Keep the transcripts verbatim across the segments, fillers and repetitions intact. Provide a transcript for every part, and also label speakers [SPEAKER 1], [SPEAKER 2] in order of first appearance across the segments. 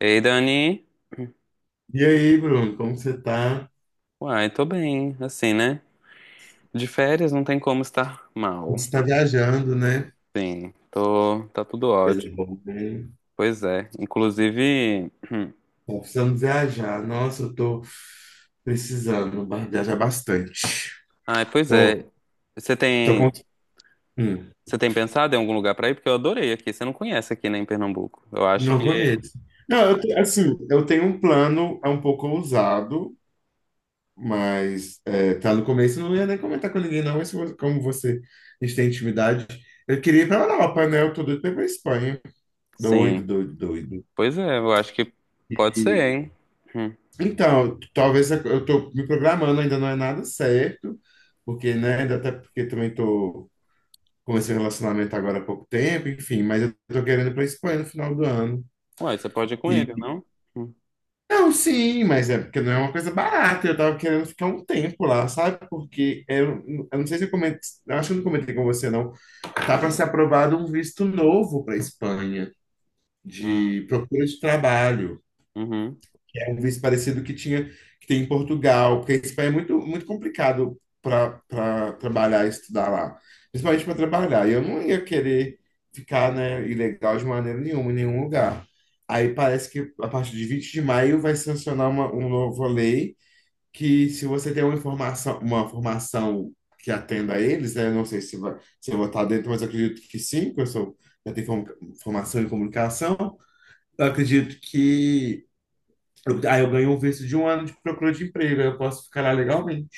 [SPEAKER 1] Ei, Dani.
[SPEAKER 2] E aí, Bruno, como você tá? A
[SPEAKER 1] Uai, tô bem, assim, né? De férias não tem como estar
[SPEAKER 2] gente
[SPEAKER 1] mal.
[SPEAKER 2] está viajando, né?
[SPEAKER 1] Sim, tô, tá tudo
[SPEAKER 2] Coisa
[SPEAKER 1] ótimo.
[SPEAKER 2] boa, né?
[SPEAKER 1] Pois é. Inclusive,
[SPEAKER 2] Tá precisando viajar. Nossa, eu tô precisando ba- viajar bastante.
[SPEAKER 1] ai, pois
[SPEAKER 2] Tô,
[SPEAKER 1] é. Você
[SPEAKER 2] tô
[SPEAKER 1] tem,
[SPEAKER 2] com... hum,
[SPEAKER 1] Você tem pensado em algum lugar pra ir? Porque eu adorei aqui. Você não conhece aqui, né, em Pernambuco. Eu acho
[SPEAKER 2] não
[SPEAKER 1] que,
[SPEAKER 2] conheço. Não, eu te- assim, eu tenho um plano, é um pouco ousado, mas é, tá no começo, eu não ia nem comentar com ninguém, não, mas como como você, a gente tem intimidade, eu queria ir pra Europa, né? Eu tô doido pra ir pra Espanha. Doido,
[SPEAKER 1] sim.
[SPEAKER 2] doido, doido.
[SPEAKER 1] Pois é, eu acho que pode ser, hein? Hum.
[SPEAKER 2] Então, talvez eu eu tô me programando, ainda não é nada certo, porque, né, ainda até porque também tô comecei o relacionamento agora há pouco tempo, enfim, mas eu tô querendo ir pra Espanha no final do ano.
[SPEAKER 1] Uai, você pode ir com ele,
[SPEAKER 2] E
[SPEAKER 1] não? Hum.
[SPEAKER 2] não, sim, mas é porque não é uma coisa barata, eu tava querendo ficar um tempo lá, sabe? Porque eu, eu não sei se eu comentei, eu acho que eu não comentei com você, não. Tá para ser aprovado um visto novo para Espanha
[SPEAKER 1] Hum,
[SPEAKER 2] de procura de trabalho.
[SPEAKER 1] uhum.
[SPEAKER 2] É um visto parecido que tinha que tem em Portugal, porque a Espanha é muito, muito complicado para trabalhar e estudar lá, principalmente para trabalhar. E eu não ia querer ficar, né, ilegal de maneira nenhuma, em nenhum lugar. Aí parece que a partir de vinte de maio vai sancionar uma, uma nova lei que se você tem uma informação, uma formação que atenda a eles, né, não sei se vai, se eu vou estar dentro, mas eu acredito que sim, porque eu sou, já tenho form- formação em comunicação. Eu acredito que eu- aí eu ganho um visto de um ano de procura de emprego, aí eu posso ficar lá legalmente.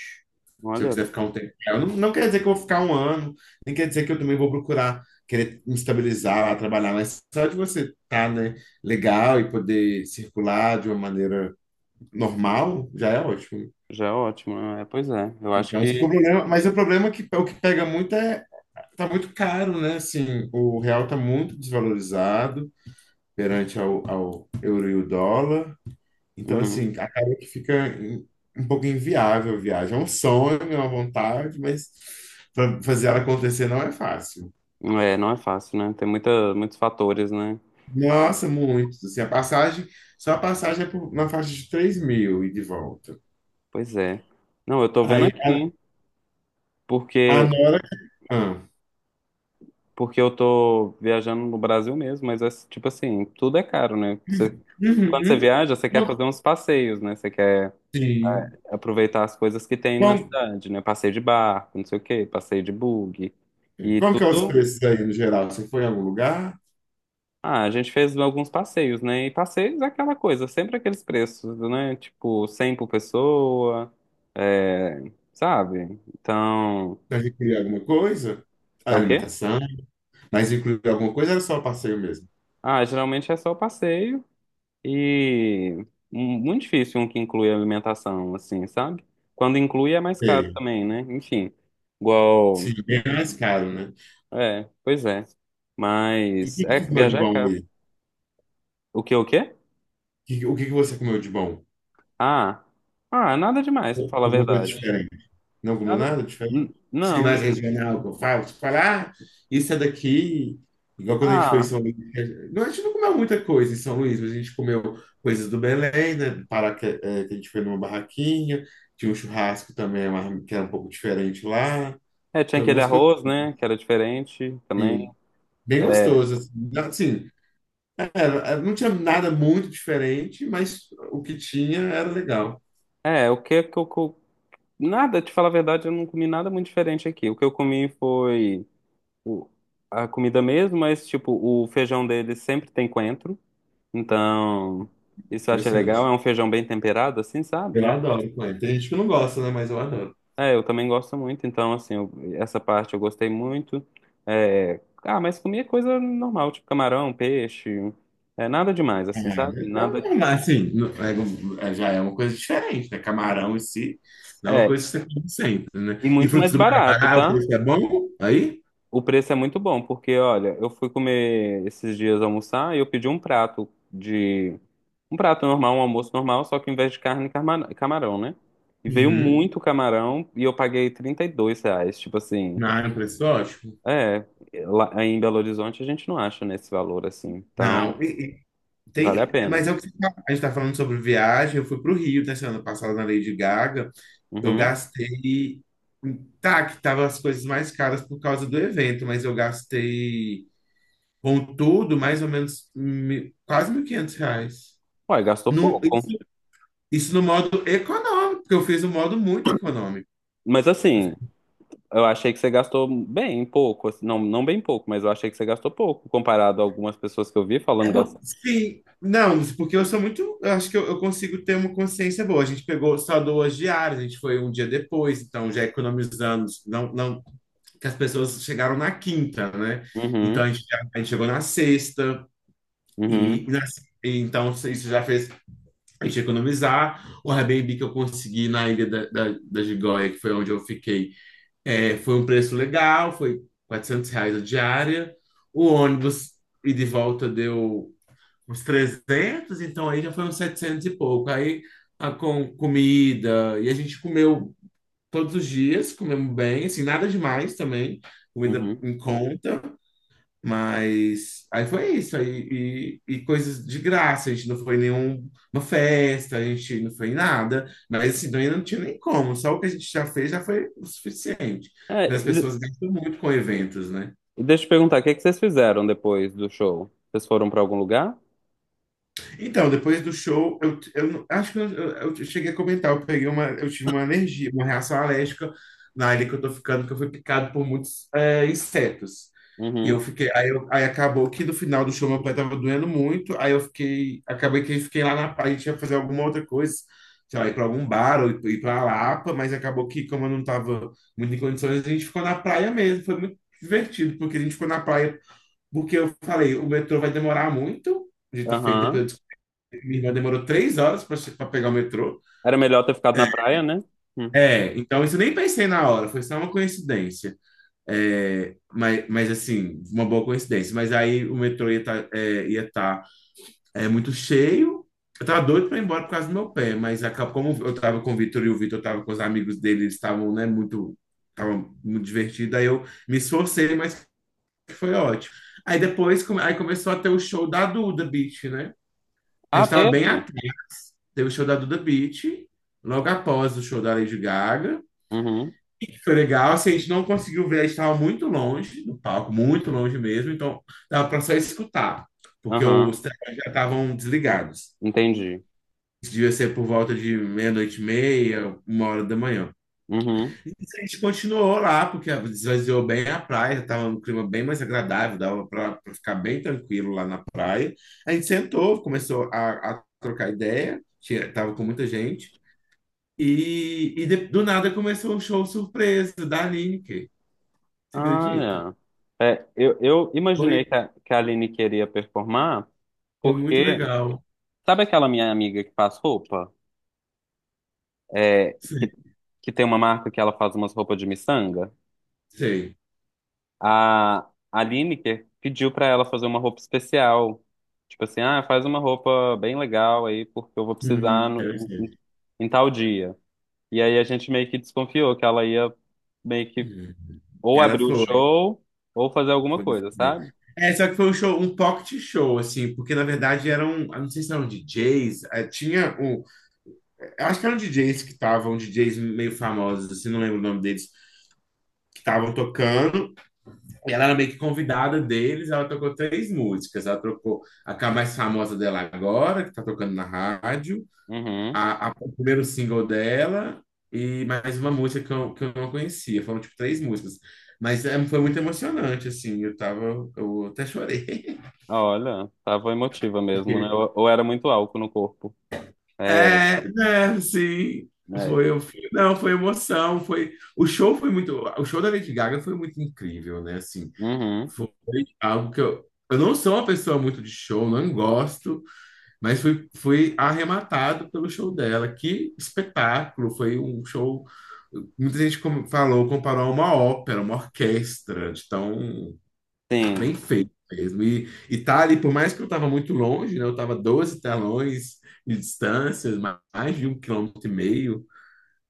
[SPEAKER 2] Se eu
[SPEAKER 1] Olha,
[SPEAKER 2] quiser ficar um tempo. Eu não, não quer dizer que eu vou ficar um ano, nem quer dizer que eu também vou procurar querer me estabilizar lá, trabalhar, mas só de você estar, né, legal e poder circular de uma maneira normal, já é ótimo.
[SPEAKER 1] já é ótimo. É, pois é. Eu acho
[SPEAKER 2] Então, esse é o
[SPEAKER 1] que.
[SPEAKER 2] problema, mas o problema é que o que pega muito é tá muito caro, né? Assim, o real tá muito desvalorizado perante ao, ao euro e o dólar. Então,
[SPEAKER 1] Uhum.
[SPEAKER 2] assim, acaba que fica em- um pouco inviável a viagem. É um sonho, é uma vontade, mas fa- fazer ela acontecer não é fácil.
[SPEAKER 1] É, não é fácil, né? Tem muita, muitos fatores, né?
[SPEAKER 2] Nossa, muito. Assim, a passagem, só a passagem é por- na faixa de três mil e de volta.
[SPEAKER 1] Pois é. Não, eu tô vendo
[SPEAKER 2] Aí
[SPEAKER 1] aqui,
[SPEAKER 2] a,
[SPEAKER 1] hein?
[SPEAKER 2] a
[SPEAKER 1] Porque,
[SPEAKER 2] Nora. Ah.
[SPEAKER 1] Porque eu tô viajando no Brasil mesmo, mas é tipo assim, tudo é caro, né? Você- quando você
[SPEAKER 2] Uhum.
[SPEAKER 1] viaja, você quer
[SPEAKER 2] Como-
[SPEAKER 1] fazer uns passeios, né? Você quer
[SPEAKER 2] Sim.
[SPEAKER 1] aproveitar as coisas que tem na
[SPEAKER 2] Como,
[SPEAKER 1] cidade, né? Passeio de barco, não sei o quê, passeio de bug. E
[SPEAKER 2] como que é os
[SPEAKER 1] tudo.
[SPEAKER 2] preços aí no geral? Você foi em algum lugar?
[SPEAKER 1] Ah, a gente fez alguns passeios, né? E passeios é aquela coisa, sempre aqueles preços, né? Tipo, cem por pessoa, é, sabe? Então.
[SPEAKER 2] Mas incluir alguma coisa?
[SPEAKER 1] É
[SPEAKER 2] A
[SPEAKER 1] o quê?
[SPEAKER 2] alimentação? Mas incluir alguma coisa ou era só o passeio mesmo?
[SPEAKER 1] Ah, geralmente é só passeio e mu- muito difícil um que inclui alimentação, assim, sabe? Quando inclui é mais caro
[SPEAKER 2] Sim,
[SPEAKER 1] também, né? Enfim, igual.
[SPEAKER 2] sim, bem mais caro, né?
[SPEAKER 1] É, pois é.
[SPEAKER 2] O
[SPEAKER 1] Mas
[SPEAKER 2] que
[SPEAKER 1] é
[SPEAKER 2] você
[SPEAKER 1] que
[SPEAKER 2] comeu de
[SPEAKER 1] viajar é
[SPEAKER 2] bom
[SPEAKER 1] caro.
[SPEAKER 2] aí?
[SPEAKER 1] O que, o quê?
[SPEAKER 2] Que- O que que você comeu de bom?
[SPEAKER 1] Ah, ah, nada demais, pra falar a
[SPEAKER 2] Alguma coisa
[SPEAKER 1] verdade.
[SPEAKER 2] diferente? Não comeu
[SPEAKER 1] Nada.
[SPEAKER 2] nada diferente?
[SPEAKER 1] N-
[SPEAKER 2] Sim, mais
[SPEAKER 1] Não.
[SPEAKER 2] regional, que eu falo, tipo, falar, ah, isso é daqui. Igual quando a gente foi em
[SPEAKER 1] Ah,
[SPEAKER 2] São Luís. Não, a gente não comeu muita coisa em São Luís, mas a gente comeu coisas do Belém, né? Do Pará, que, é, que a gente foi numa barraquinha. Tinha um churrasco também, uma- que era um pouco diferente lá.
[SPEAKER 1] é, tinha
[SPEAKER 2] Tinha
[SPEAKER 1] aquele
[SPEAKER 2] algumas coisas
[SPEAKER 1] arroz, né? Que era diferente também.
[SPEAKER 2] assim, bem
[SPEAKER 1] É,
[SPEAKER 2] gostosas. Assim, era- era- não tinha nada muito diferente, mas o que tinha era legal.
[SPEAKER 1] é, o que que eu. Co- Nada, te falar a verdade, eu não comi nada muito diferente aqui. O que eu comi foi. O- A comida mesmo, mas tipo, o feijão deles sempre tem coentro. Então, isso eu achei legal. É
[SPEAKER 2] Interessante.
[SPEAKER 1] um feijão bem temperado, assim, sabe?
[SPEAKER 2] Eu
[SPEAKER 1] Mu-
[SPEAKER 2] adoro Coen. Tem gente que não gosta, né? Mas eu adoro.
[SPEAKER 1] É, eu também gosto muito. Então, assim, eu- essa parte eu gostei muito. É, ah, mas comia coisa normal, tipo camarão, peixe. É nada demais, assim, sabe?
[SPEAKER 2] É, então,
[SPEAKER 1] Nada.
[SPEAKER 2] é, mas assim, não- é- é- já é uma coisa diferente, né? Camarão em si, não é uma coisa
[SPEAKER 1] É,
[SPEAKER 2] que você come sempre, né?
[SPEAKER 1] e
[SPEAKER 2] E
[SPEAKER 1] muito mais
[SPEAKER 2] frutos do mar é
[SPEAKER 1] barato,
[SPEAKER 2] barato,
[SPEAKER 1] tá?
[SPEAKER 2] isso é bom? Aí?
[SPEAKER 1] O preço é muito bom, porque olha, eu fui comer esses dias almoçar e eu pedi um prato de. um prato normal, um almoço normal, só que em vez de carne, carma- camarão, né? E veio
[SPEAKER 2] Uhum.
[SPEAKER 1] muito camarão e eu paguei trinta e dois reais. Tipo assim,
[SPEAKER 2] Não, é um preço ótimo.
[SPEAKER 1] é. Lá em Belo Horizonte a gente não acha nesse valor assim. Então,
[SPEAKER 2] Não, e- e
[SPEAKER 1] vale a
[SPEAKER 2] tem,
[SPEAKER 1] pena.
[SPEAKER 2] mas é o que você tá- a gente tá falando sobre viagem. Eu fui pro Rio, né? Semana passada na Lady Gaga. Eu
[SPEAKER 1] Uhum.
[SPEAKER 2] gastei, tá, que tava as coisas mais caras por causa do evento, mas eu gastei. Com tudo, mais ou menos mi- quase mil e quinhentos reais.
[SPEAKER 1] Ué, gastou
[SPEAKER 2] No,
[SPEAKER 1] pouco.
[SPEAKER 2] isso, isso no modo econômico, porque eu fiz um modo muito econômico.
[SPEAKER 1] Mas assim, eu achei que você gastou bem pouco. Assim, não, não bem pouco, mas eu achei que você gastou pouco comparado a algumas pessoas que eu vi
[SPEAKER 2] É
[SPEAKER 1] falando
[SPEAKER 2] bom.
[SPEAKER 1] gastar.
[SPEAKER 2] Sim, não, porque eu sou muito. Eu acho que eu, eu consigo ter uma consciência boa. A gente pegou só duas diárias, a gente foi um dia depois, então já economizamos. Não, não, que as pessoas chegaram na quinta, né? Então a
[SPEAKER 1] Uhum.
[SPEAKER 2] gente, já- a gente chegou na sexta, e,
[SPEAKER 1] Uhum,
[SPEAKER 2] na- e então isso já fez a gente economizar. O Airbnb que eu consegui na Ilha da, da, da Gigoia, que foi onde eu fiquei. É, foi um preço legal, foi quatrocentos reais a diária. O ônibus e de volta deu uns trezentos então aí já foi uns setecentos e pouco. Aí a, com comida, e a gente comeu todos os dias, comemos bem, assim, nada demais também, comida
[SPEAKER 1] uhum.
[SPEAKER 2] em conta. Mas aí foi isso, aí, e, e coisas de graça, a gente não foi em nenhuma festa, a gente não foi em nada, mas assim, também não tinha nem como, só o que a gente já fez já foi o suficiente.
[SPEAKER 1] É,
[SPEAKER 2] Mas as
[SPEAKER 1] e
[SPEAKER 2] pessoas gastam muito com eventos, né?
[SPEAKER 1] e deixa eu te perguntar, o que é que vocês fizeram depois do show? Vocês foram pra algum lugar?
[SPEAKER 2] Então, depois do show, eu, eu não- acho que eu, eu- eu cheguei a comentar, eu peguei uma, eu tive uma alergia, uma reação alérgica na ilha que eu tô ficando, que eu fui picado por muitos é, insetos. E eu
[SPEAKER 1] Uhum,
[SPEAKER 2] fiquei, aí, eu- aí acabou que no final do show meu pé tava doendo muito, aí eu fiquei, acabei que fiquei lá na praia, tinha que fazer alguma outra coisa, sei lá, ir pra algum bar ou ir, ir pra Lapa, mas acabou que como eu não tava muito em condições, a gente ficou na praia mesmo, foi muito divertido, porque a gente ficou na praia, porque eu falei, o metrô vai demorar muito, a gente fez
[SPEAKER 1] aham.
[SPEAKER 2] depois minha irmã demorou três horas para pegar o metrô.
[SPEAKER 1] Era melhor ter ficado na praia, né? Hum.
[SPEAKER 2] É, então isso eu nem pensei na hora, foi só uma coincidência. É, mas, mas assim, uma boa coincidência. Mas aí o metrô ia estar é, ia tá, é, muito cheio. Eu tava doido para ir embora por causa do meu pé, mas acabou, como eu tava com o Vitor e o Vitor tava com os amigos dele, eles estavam, né, muito, tava muito divertido. Aí eu me esforcei, mas foi ótimo. Aí depois, come- aí começou a ter o show da Duda Beat, né? A
[SPEAKER 1] Ah,
[SPEAKER 2] gente tava bem à
[SPEAKER 1] teve?
[SPEAKER 2] teve o show da Duda Beat, logo após o show da Lady Gaga.
[SPEAKER 1] Uhum,
[SPEAKER 2] E foi legal, assim, a gente não conseguiu ver, a gente estava muito longe do palco, muito longe mesmo, então dava para só escutar, porque
[SPEAKER 1] aham.
[SPEAKER 2] os telões já estavam desligados.
[SPEAKER 1] Entendi.
[SPEAKER 2] Isso devia ser por volta de meia-noite e meia, uma hora da manhã.
[SPEAKER 1] Uhum.
[SPEAKER 2] E a gente continuou lá, porque esvaziou bem a praia, estava um clima bem mais agradável, dava para ficar bem tranquilo lá na praia. A gente sentou, começou a, a trocar ideia, tinha, tava com muita gente. E, e de- do nada começou um show surpresa da Lineker. Você acredita?
[SPEAKER 1] Ah, é. É, eu, eu
[SPEAKER 2] Foi,
[SPEAKER 1] imaginei que a, que a Aline queria performar,
[SPEAKER 2] foi muito
[SPEAKER 1] porque
[SPEAKER 2] legal.
[SPEAKER 1] sabe aquela minha amiga que faz roupa? É,
[SPEAKER 2] Sim,
[SPEAKER 1] que, que tem uma marca que ela faz umas roupas de miçanga?
[SPEAKER 2] sei.
[SPEAKER 1] A, a Lineker pediu pra ela fazer uma roupa especial. Tipo assim, ah, faz uma roupa bem legal aí, porque eu vou precisar
[SPEAKER 2] Uhum,
[SPEAKER 1] no-
[SPEAKER 2] eu sei.
[SPEAKER 1] em, em tal dia. E aí a gente meio que desconfiou que ela ia meio que
[SPEAKER 2] Uhum.
[SPEAKER 1] ou
[SPEAKER 2] Ela
[SPEAKER 1] abrir o
[SPEAKER 2] foi,
[SPEAKER 1] show ou fazer alguma
[SPEAKER 2] foi. foi.
[SPEAKER 1] coisa, sabe?
[SPEAKER 2] É, só que foi um show, um pocket show, assim, porque na verdade eram, eu não sei se eram D Js, eh, tinha um, eu acho que eram D Js que estavam, D Js meio famosos, assim, não lembro o nome deles, que estavam tocando, ela era meio que convidada deles, ela tocou três músicas. Ela tocou a que é a mais famosa dela agora, que está tocando na rádio,
[SPEAKER 1] Uhum.
[SPEAKER 2] a, a- o primeiro single dela e mais uma música que eu, que eu não conhecia. Foram, tipo, três músicas. Mas é, foi muito emocionante, assim. Eu tava. Eu até chorei.
[SPEAKER 1] Olha, tava emotiva mesmo, né? Ou, ou era muito álcool no corpo. É,
[SPEAKER 2] É, né, sim. Foi,
[SPEAKER 1] é.
[SPEAKER 2] eu, fui- não, foi emoção, foi, o show foi muito, o show da Lady Gaga foi muito incrível, né, assim,
[SPEAKER 1] Uhum.
[SPEAKER 2] foi algo que eu, eu não sou uma pessoa muito de show, não gosto. Mas fui, fui arrematado pelo show dela. Que espetáculo! Foi um show. Muita gente como- falou, comparou a uma ópera, uma orquestra, de tão
[SPEAKER 1] Sim.
[SPEAKER 2] bem feito mesmo. E, e tá ali, por mais que eu estava muito longe, né? Eu estava doze telões de distância, ma- mais de um quilômetro e meio.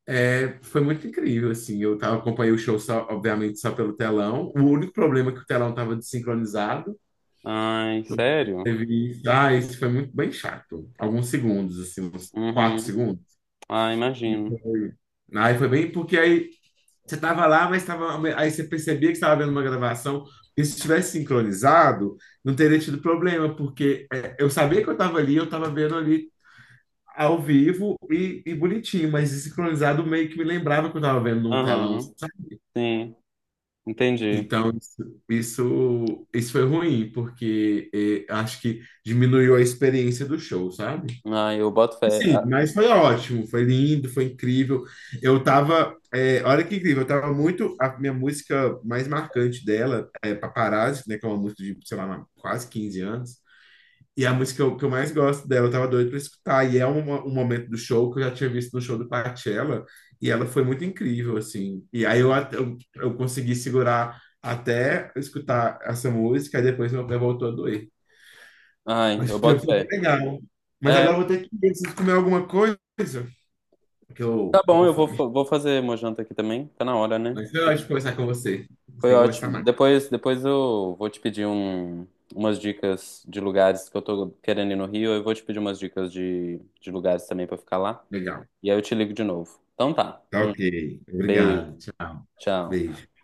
[SPEAKER 2] É, foi muito incrível, assim. Eu tava, acompanhei o show, só, obviamente, só pelo telão. O único problema é que o telão estava desincronizado.
[SPEAKER 1] Ai, sério?
[SPEAKER 2] Teve isso. Ah, isso foi muito bem chato. Alguns segundos, assim, uns quatro
[SPEAKER 1] Uhum.
[SPEAKER 2] segundos.
[SPEAKER 1] Ah,
[SPEAKER 2] E
[SPEAKER 1] imagino.
[SPEAKER 2] foi- Aí foi bem porque aí você tava lá, mas tava, aí você percebia que estava vendo uma gravação. E se tivesse sincronizado, não teria tido problema, porque é, eu sabia que eu estava ali, eu estava vendo ali ao vivo e, e bonitinho, mas sincronizado meio que me lembrava que eu estava vendo num telão,
[SPEAKER 1] Aham,
[SPEAKER 2] sabe?
[SPEAKER 1] sim, entendi.
[SPEAKER 2] Então, isso, isso, isso foi ruim, porque eh, acho que diminuiu a experiência do show, sabe?
[SPEAKER 1] Ai, eu boto fé.
[SPEAKER 2] Sim,
[SPEAKER 1] Ah,
[SPEAKER 2] mas foi ótimo, foi lindo, foi incrível. Eu tava, é, olha que incrível, eu tava muito, a minha música mais marcante dela é Paparazzi, né, que é uma música de, sei lá, quase quinze anos. E é a música que eu, que eu mais gosto dela, eu tava doido pra escutar. E é uma- um momento do show que eu já tinha visto no show do Coachella, e ela foi muito incrível, assim. E aí eu,
[SPEAKER 1] uhum.
[SPEAKER 2] at- eu, eu consegui segurar até eu escutar essa música, e depois meu pé voltou a doer.
[SPEAKER 1] Ai,
[SPEAKER 2] Mas
[SPEAKER 1] eu
[SPEAKER 2] foi,
[SPEAKER 1] boto
[SPEAKER 2] foi
[SPEAKER 1] fé.
[SPEAKER 2] legal. Mas agora eu
[SPEAKER 1] É,
[SPEAKER 2] vou ter que ir, preciso comer alguma coisa. Porque
[SPEAKER 1] tá
[SPEAKER 2] eu tô
[SPEAKER 1] bom,
[SPEAKER 2] com
[SPEAKER 1] eu vou,
[SPEAKER 2] fome.
[SPEAKER 1] fa- vou fazer uma janta aqui também. Tá na hora, né?
[SPEAKER 2] Mas eu acho que conversar com você. A
[SPEAKER 1] Foi
[SPEAKER 2] tem que conversar
[SPEAKER 1] ótimo.
[SPEAKER 2] mais.
[SPEAKER 1] Depois, depois eu vou te pedir um, umas dicas de lugares que eu tô querendo ir no Rio. Eu vou te pedir umas dicas de, de lugares também pra ficar lá.
[SPEAKER 2] Legal.
[SPEAKER 1] E aí eu te ligo de novo. Então tá.
[SPEAKER 2] Tá
[SPEAKER 1] Hum,
[SPEAKER 2] ok.
[SPEAKER 1] beijo.
[SPEAKER 2] Obrigado. Tchau.
[SPEAKER 1] Tchau.
[SPEAKER 2] Beijo.